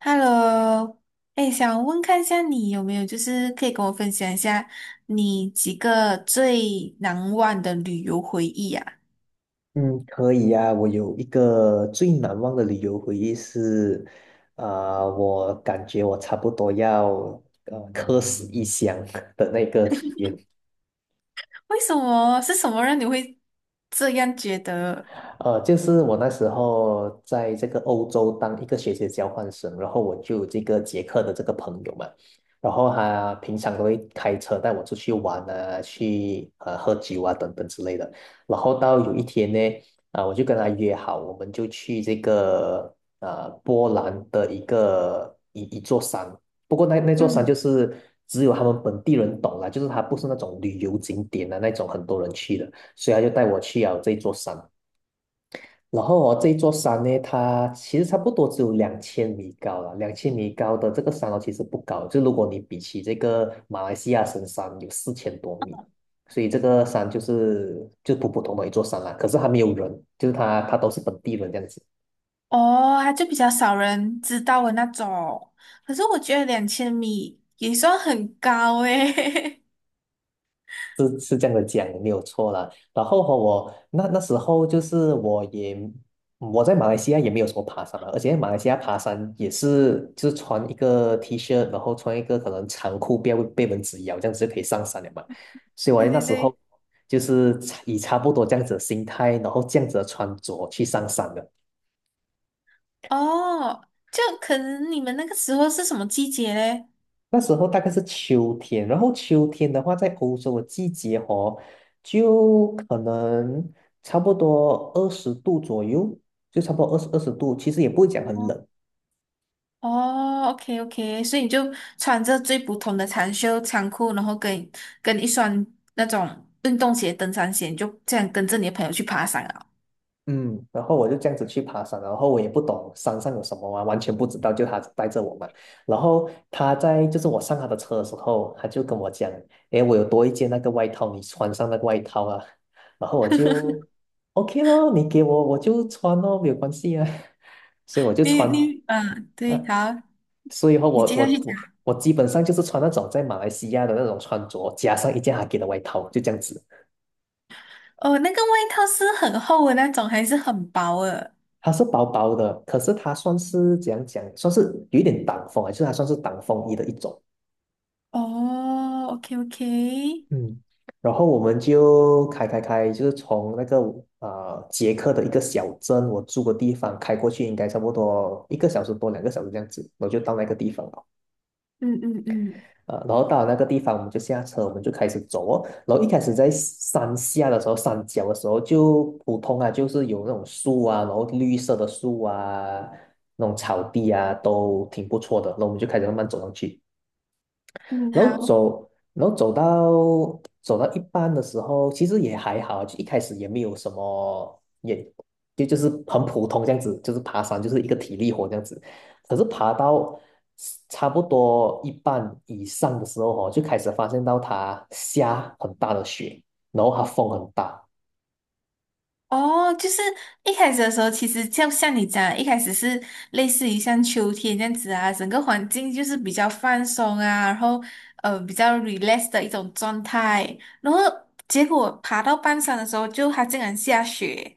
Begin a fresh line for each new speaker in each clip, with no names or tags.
Hello，哎，想问看一下你有没有，就是可以跟我分享一下你几个最难忘的旅游回忆啊？
嗯，可以呀、我有一个最难忘的旅游回忆是，啊、我感觉我差不多要客死异乡 的那个体验。
为什么？是什么让你会这样觉得？
就是我那时候在这个欧洲当一个学习交换生，然后我就有这个捷克的这个朋友嘛，然后他平常都会开车带我出去玩啊，去喝酒啊等等之类的。然后到有一天呢，啊、我就跟他约好，我们就去这个波兰的一个一座山，不过那座山就
嗯，
是只有他们本地人懂啦，就是它不是那种旅游景点的那种很多人去的，所以他就带我去了这座山。然后哦，这一座山呢，它其实差不多只有两千米高了。两千米高的这个山哦，其实不高。就如果你比起这个马来西亚神山有4000多米，所以这个山就是就普普通通的一座山啦。可是还没有人，就是它它都是本地人这样子。
哦，它就比较少人知道的那种。可是我觉得2000米也算很高诶。
是是这样的讲，没有错啦。然后和我那时候就是我也我在马来西亚也没有什么爬山嘛，而且马来西亚爬山也是就是穿一个 T 恤，然后穿一个可能长裤，不要被蚊子咬，这样子就可以上山了嘛。所以 我
对
那
对
时
对，
候就是以差不多这样子的心态，然后这样子的穿着去上山的。
哦，就可能你们那个时候是什么季节嘞？
那时候大概是秋天，然后秋天的话，在欧洲的季节哦，就可能差不多二十度左右，就差不多二十度，其实也不会讲很
哦。
冷，
哦，OK OK，所以你就穿着最普通的长袖长裤，然后跟一双那种运动鞋、登山鞋，你就这样跟着你的朋友去爬山啊。
嗯，然后我就这样子去爬山，然后我也不懂山上有什么啊，完全不知道，就他带着我嘛。然后他在就是我上他的车的时候，他就跟我讲，诶，我有多一件那个外套，你穿上那个外套啊。然后我就 OK 咯，你给我我就穿咯，没有关系啊。所以我就
你
穿，
你嗯，对，
呃，
好，
所以后
你
我
接下去
我我
讲。
我基本上就是穿那种在马来西亚的那种穿着，加上一件他给的外套，就这样子。
哦，那个外套是很厚的那种，还是很薄的？
它是薄薄的，可是它算是怎样讲，算是有一点挡风啊，就是它算是挡风衣的一种。
哦，OK OK，
嗯然后我们就开，就是从那个捷克的一个小镇，我住的地方开过去，应该差不多一个小时多、两个小时这样子，我就到那个地方了。
嗯嗯嗯
然后到了那个地方，我们就下车，我们就开始走哦。然后一开始在山下的时候，山脚的时候就普通啊，就是有那种树啊，然后绿色的树啊，那种草地啊，都挺不错的。那我们就开始慢慢走上去。
嗯，
然后
好。
走，然后走到一半的时候，其实也还好，就一开始也没有什么，也就是很普通这样子，就是爬山就是一个体力活这样子。可是爬到差不多一半以上的时候哦，就开始发现到它下很大的雪，然后它风很大。
哦，就是一开始的时候，其实就像你讲的一开始是类似于像秋天这样子啊，整个环境就是比较放松啊，然后比较 relax 的一种状态，然后结果爬到半山的时候就，它竟然下雪，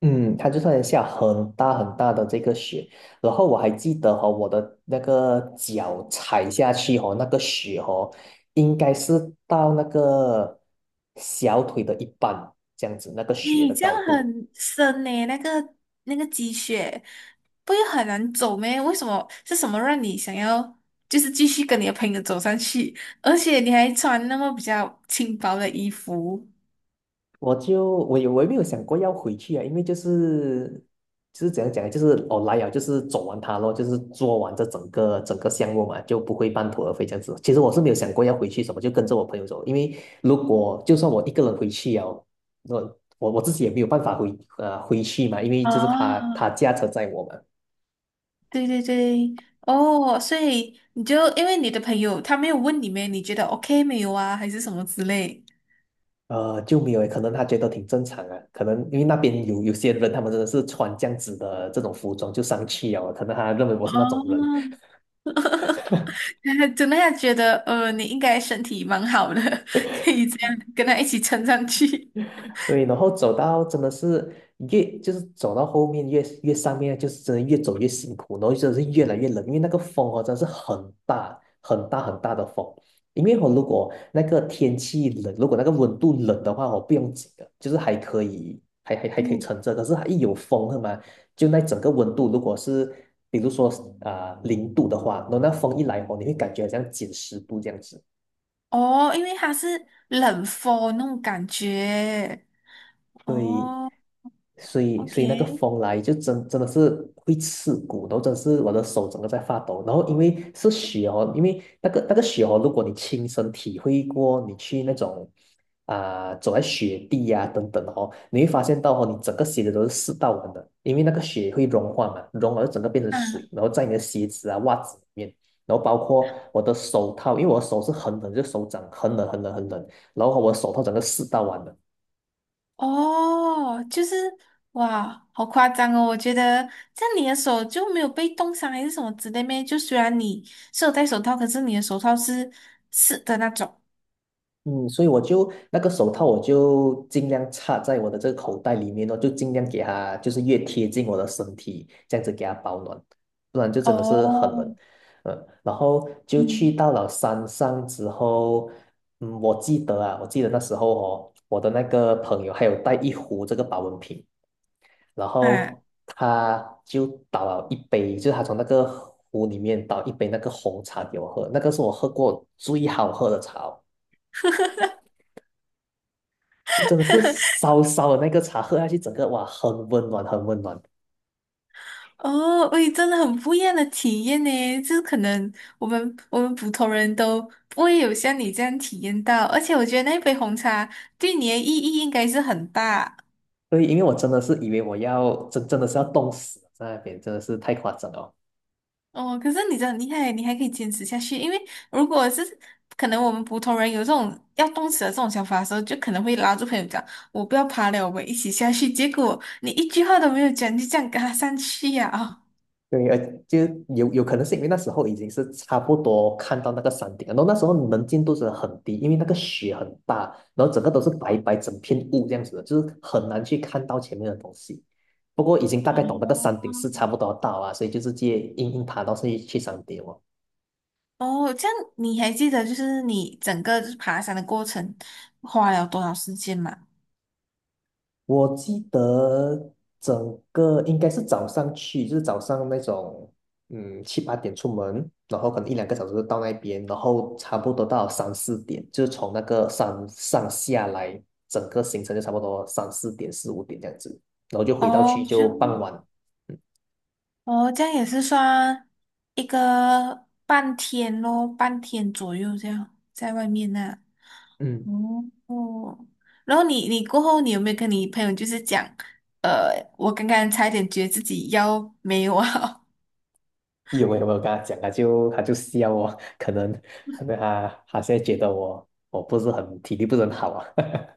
嗯，它就算下很大很大的这个雪，然后我还记得哈、我的那个脚踩下去哦，那个雪哦，应该是到那个小腿的一半这样子，那个雪的
咦，这样
高度。
很深呢，那个那个积雪，不会很难走咩？为什么是什么让你想要就是继续跟你的朋友走上去，而且你还穿那么比较轻薄的衣服？
我就我有我也没有想过要回去啊，因为就是就是怎样讲呢，就是我来了就是走完它咯，就是做完这整个整个项目嘛，就不会半途而废这样子。其实我是没有想过要回去什么，就跟着我朋友走，因为如果就算我一个人回去了，我自己也没有办法回去嘛，因为就是他
啊，
他驾车载我嘛。
对对对，哦，所以你就因为你的朋友他没有问你们，你觉得 OK 没有啊，还是什么之类，
就没有诶可能他觉得挺正常啊，可能因为那边有些人，他们真的是穿这样子的这种服装就上去了，可能他认为我是那种人。
哦，真的要觉得你应该身体蛮好的，可以这样跟他一起撑上去。
对，然后走到真的是越就是走到后面越上面，就是真的越走越辛苦，然后真的是越来越冷，因为那个风哦真的是很大很大很大的风。因为我如果那个天气冷，如果那个温度冷的话哦，我不用紧的，就是还可以还可以
嗯，
撑着。可是它一有风是吗？就那整个温度，如果是比如说零、度的话，然后那风一来哦，你会感觉好像减10度这样子。
哦，因为他是冷风那种感觉。
对，
哦
所以所以那个
，OK，
风来就真的是会刺骨，然后真的是我的手整个在发抖。然后因为是雪哦，因为那个雪哦，如果你亲身体会过，你去那种啊、走在雪地呀、等等哦，你会发现到哦，你整个鞋子都是湿到完的，因为那个雪会融化嘛，融了就整个变成水，
啊。
然后在你的鞋子啊、袜子里面。然后包括我的手套，因为我的手是很冷，就手掌很冷很冷很冷，然后我的手套整个湿到完了。
哦，就是哇，好夸张哦！我觉得这样你的手就没有被冻伤还是什么之类咩？就虽然你是有戴手套，可是你的手套是湿的那种。
嗯，所以我就那个手套，我就尽量插在我的这个口袋里面哦，就尽量给它，就是越贴近我的身体，这样子给它保暖，不然就真的是很冷。
哦，
嗯，然后就去
嗯，
到了山上之后，嗯，我记得啊，我记得那时候哦，我的那个朋友还有带一壶这个保温瓶，然
啊，
后他就倒了一杯，就是他从那个壶里面倒一杯那个红茶给我喝，那个是我喝过最好喝的茶哦就真的是烧烧的那个茶喝下去，整个哇，很温暖，很温暖。
哦，喂，真的很不一样的体验呢，就是可能我们普通人都不会有像你这样体验到，而且我觉得那杯红茶对你的意义应该是很大。
对，因为我真的是以为我要真的是要冻死了在那边，真的是太夸张了。
哦，可是你真的很厉害，你还可以坚持下去。因为如果是可能我们普通人有这种要动词的这种想法的时候，就可能会拉住朋友讲：“我不要爬了，我们一起下去。”结果你一句话都没有讲，你就这样跟他上去呀、啊
对，就有可能是因为那时候已经是差不多看到那个山顶了，然后那时候能见度是很低，因为那个雪很大，然后整个都是白白整片雾这样子的，就是很难去看到前面的东西。不过已经大
哦，
概懂那个山顶是差不多要到啊，所以就是直接硬硬爬到去山顶哦。
哦，这样你还记得就是你整个就是爬山的过程花了多少时间吗？
我记得整个应该是早上去，就是早上那种，嗯，七八点出门，然后可能一两个小时就到那边，然后差不多到三四点，就是从那个山上下来，整个行程就差不多三四点、四五点这样子，然后就回到
哦，
去就
就
傍晚。
哦，这样也是算一个半天咯，半天左右这样在外面那。
嗯，嗯
哦哦，然后你过后，你有没有跟你朋友就是讲，呃，我刚刚差一点觉得自己腰没有啊？
有没有没有跟他讲他就笑我，可能他现在觉得我不是很体力不是很好啊。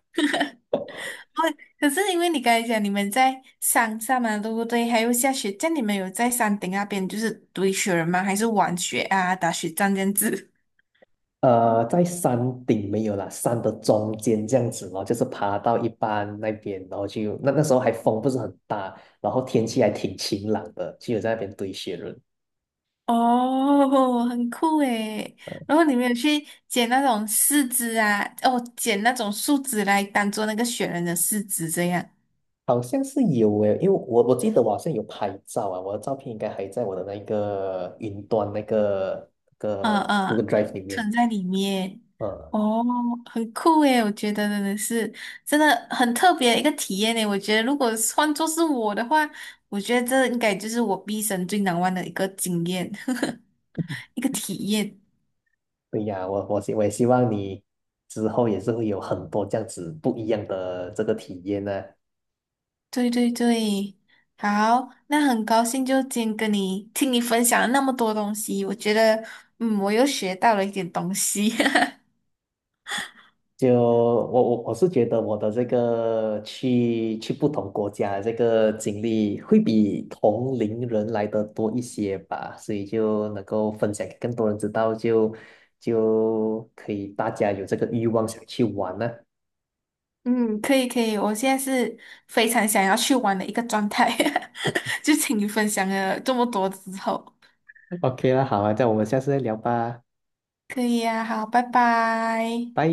哦，可是因为你刚才讲你们在山上嘛，对不对？还有下雪，这样你们有在山顶那边就是堆雪人吗？还是玩雪啊、打雪仗这样子？
在山顶没有啦，山的中间这样子咯，就是爬到一半那边，然后就那时候还风不是很大，然后天气还挺晴朗的，就有在那边堆雪人。
哦，很酷诶。
呃
然后你们有去捡那种柿子啊，哦，捡那种树枝来当做那个雪人的柿子这样。
好像是有诶，因为我我记得我好像有拍照啊，我的照片应该还在我的那个云端那个那
嗯
个 Google
嗯，
Drive 里面。
存在里面，
呃，
哦，很酷诶，我觉得真的是真的很特别的一个体验诶。我觉得如果是换做是我的话，我觉得这应该就是我毕生最难忘的一个经验，一个体验。
对呀，我也希望你之后也是会有很多这样子不一样的这个体验呢、
对对对，好，那很高兴就今天跟你听你分享了那么多东西，我觉得嗯，我又学到了一点东西。
就我是觉得我的这个去不同国家的这个经历会比同龄人来的多一些吧，所以就能够分享给更多人知道，就可以大家有这个欲望想去玩呢、
嗯，可以可以，我现在是非常想要去玩的一个状态，就请你分享了这么多之后，
OK 啦，好啊，这样我们下次再聊吧，
可以呀、好，拜拜。
拜。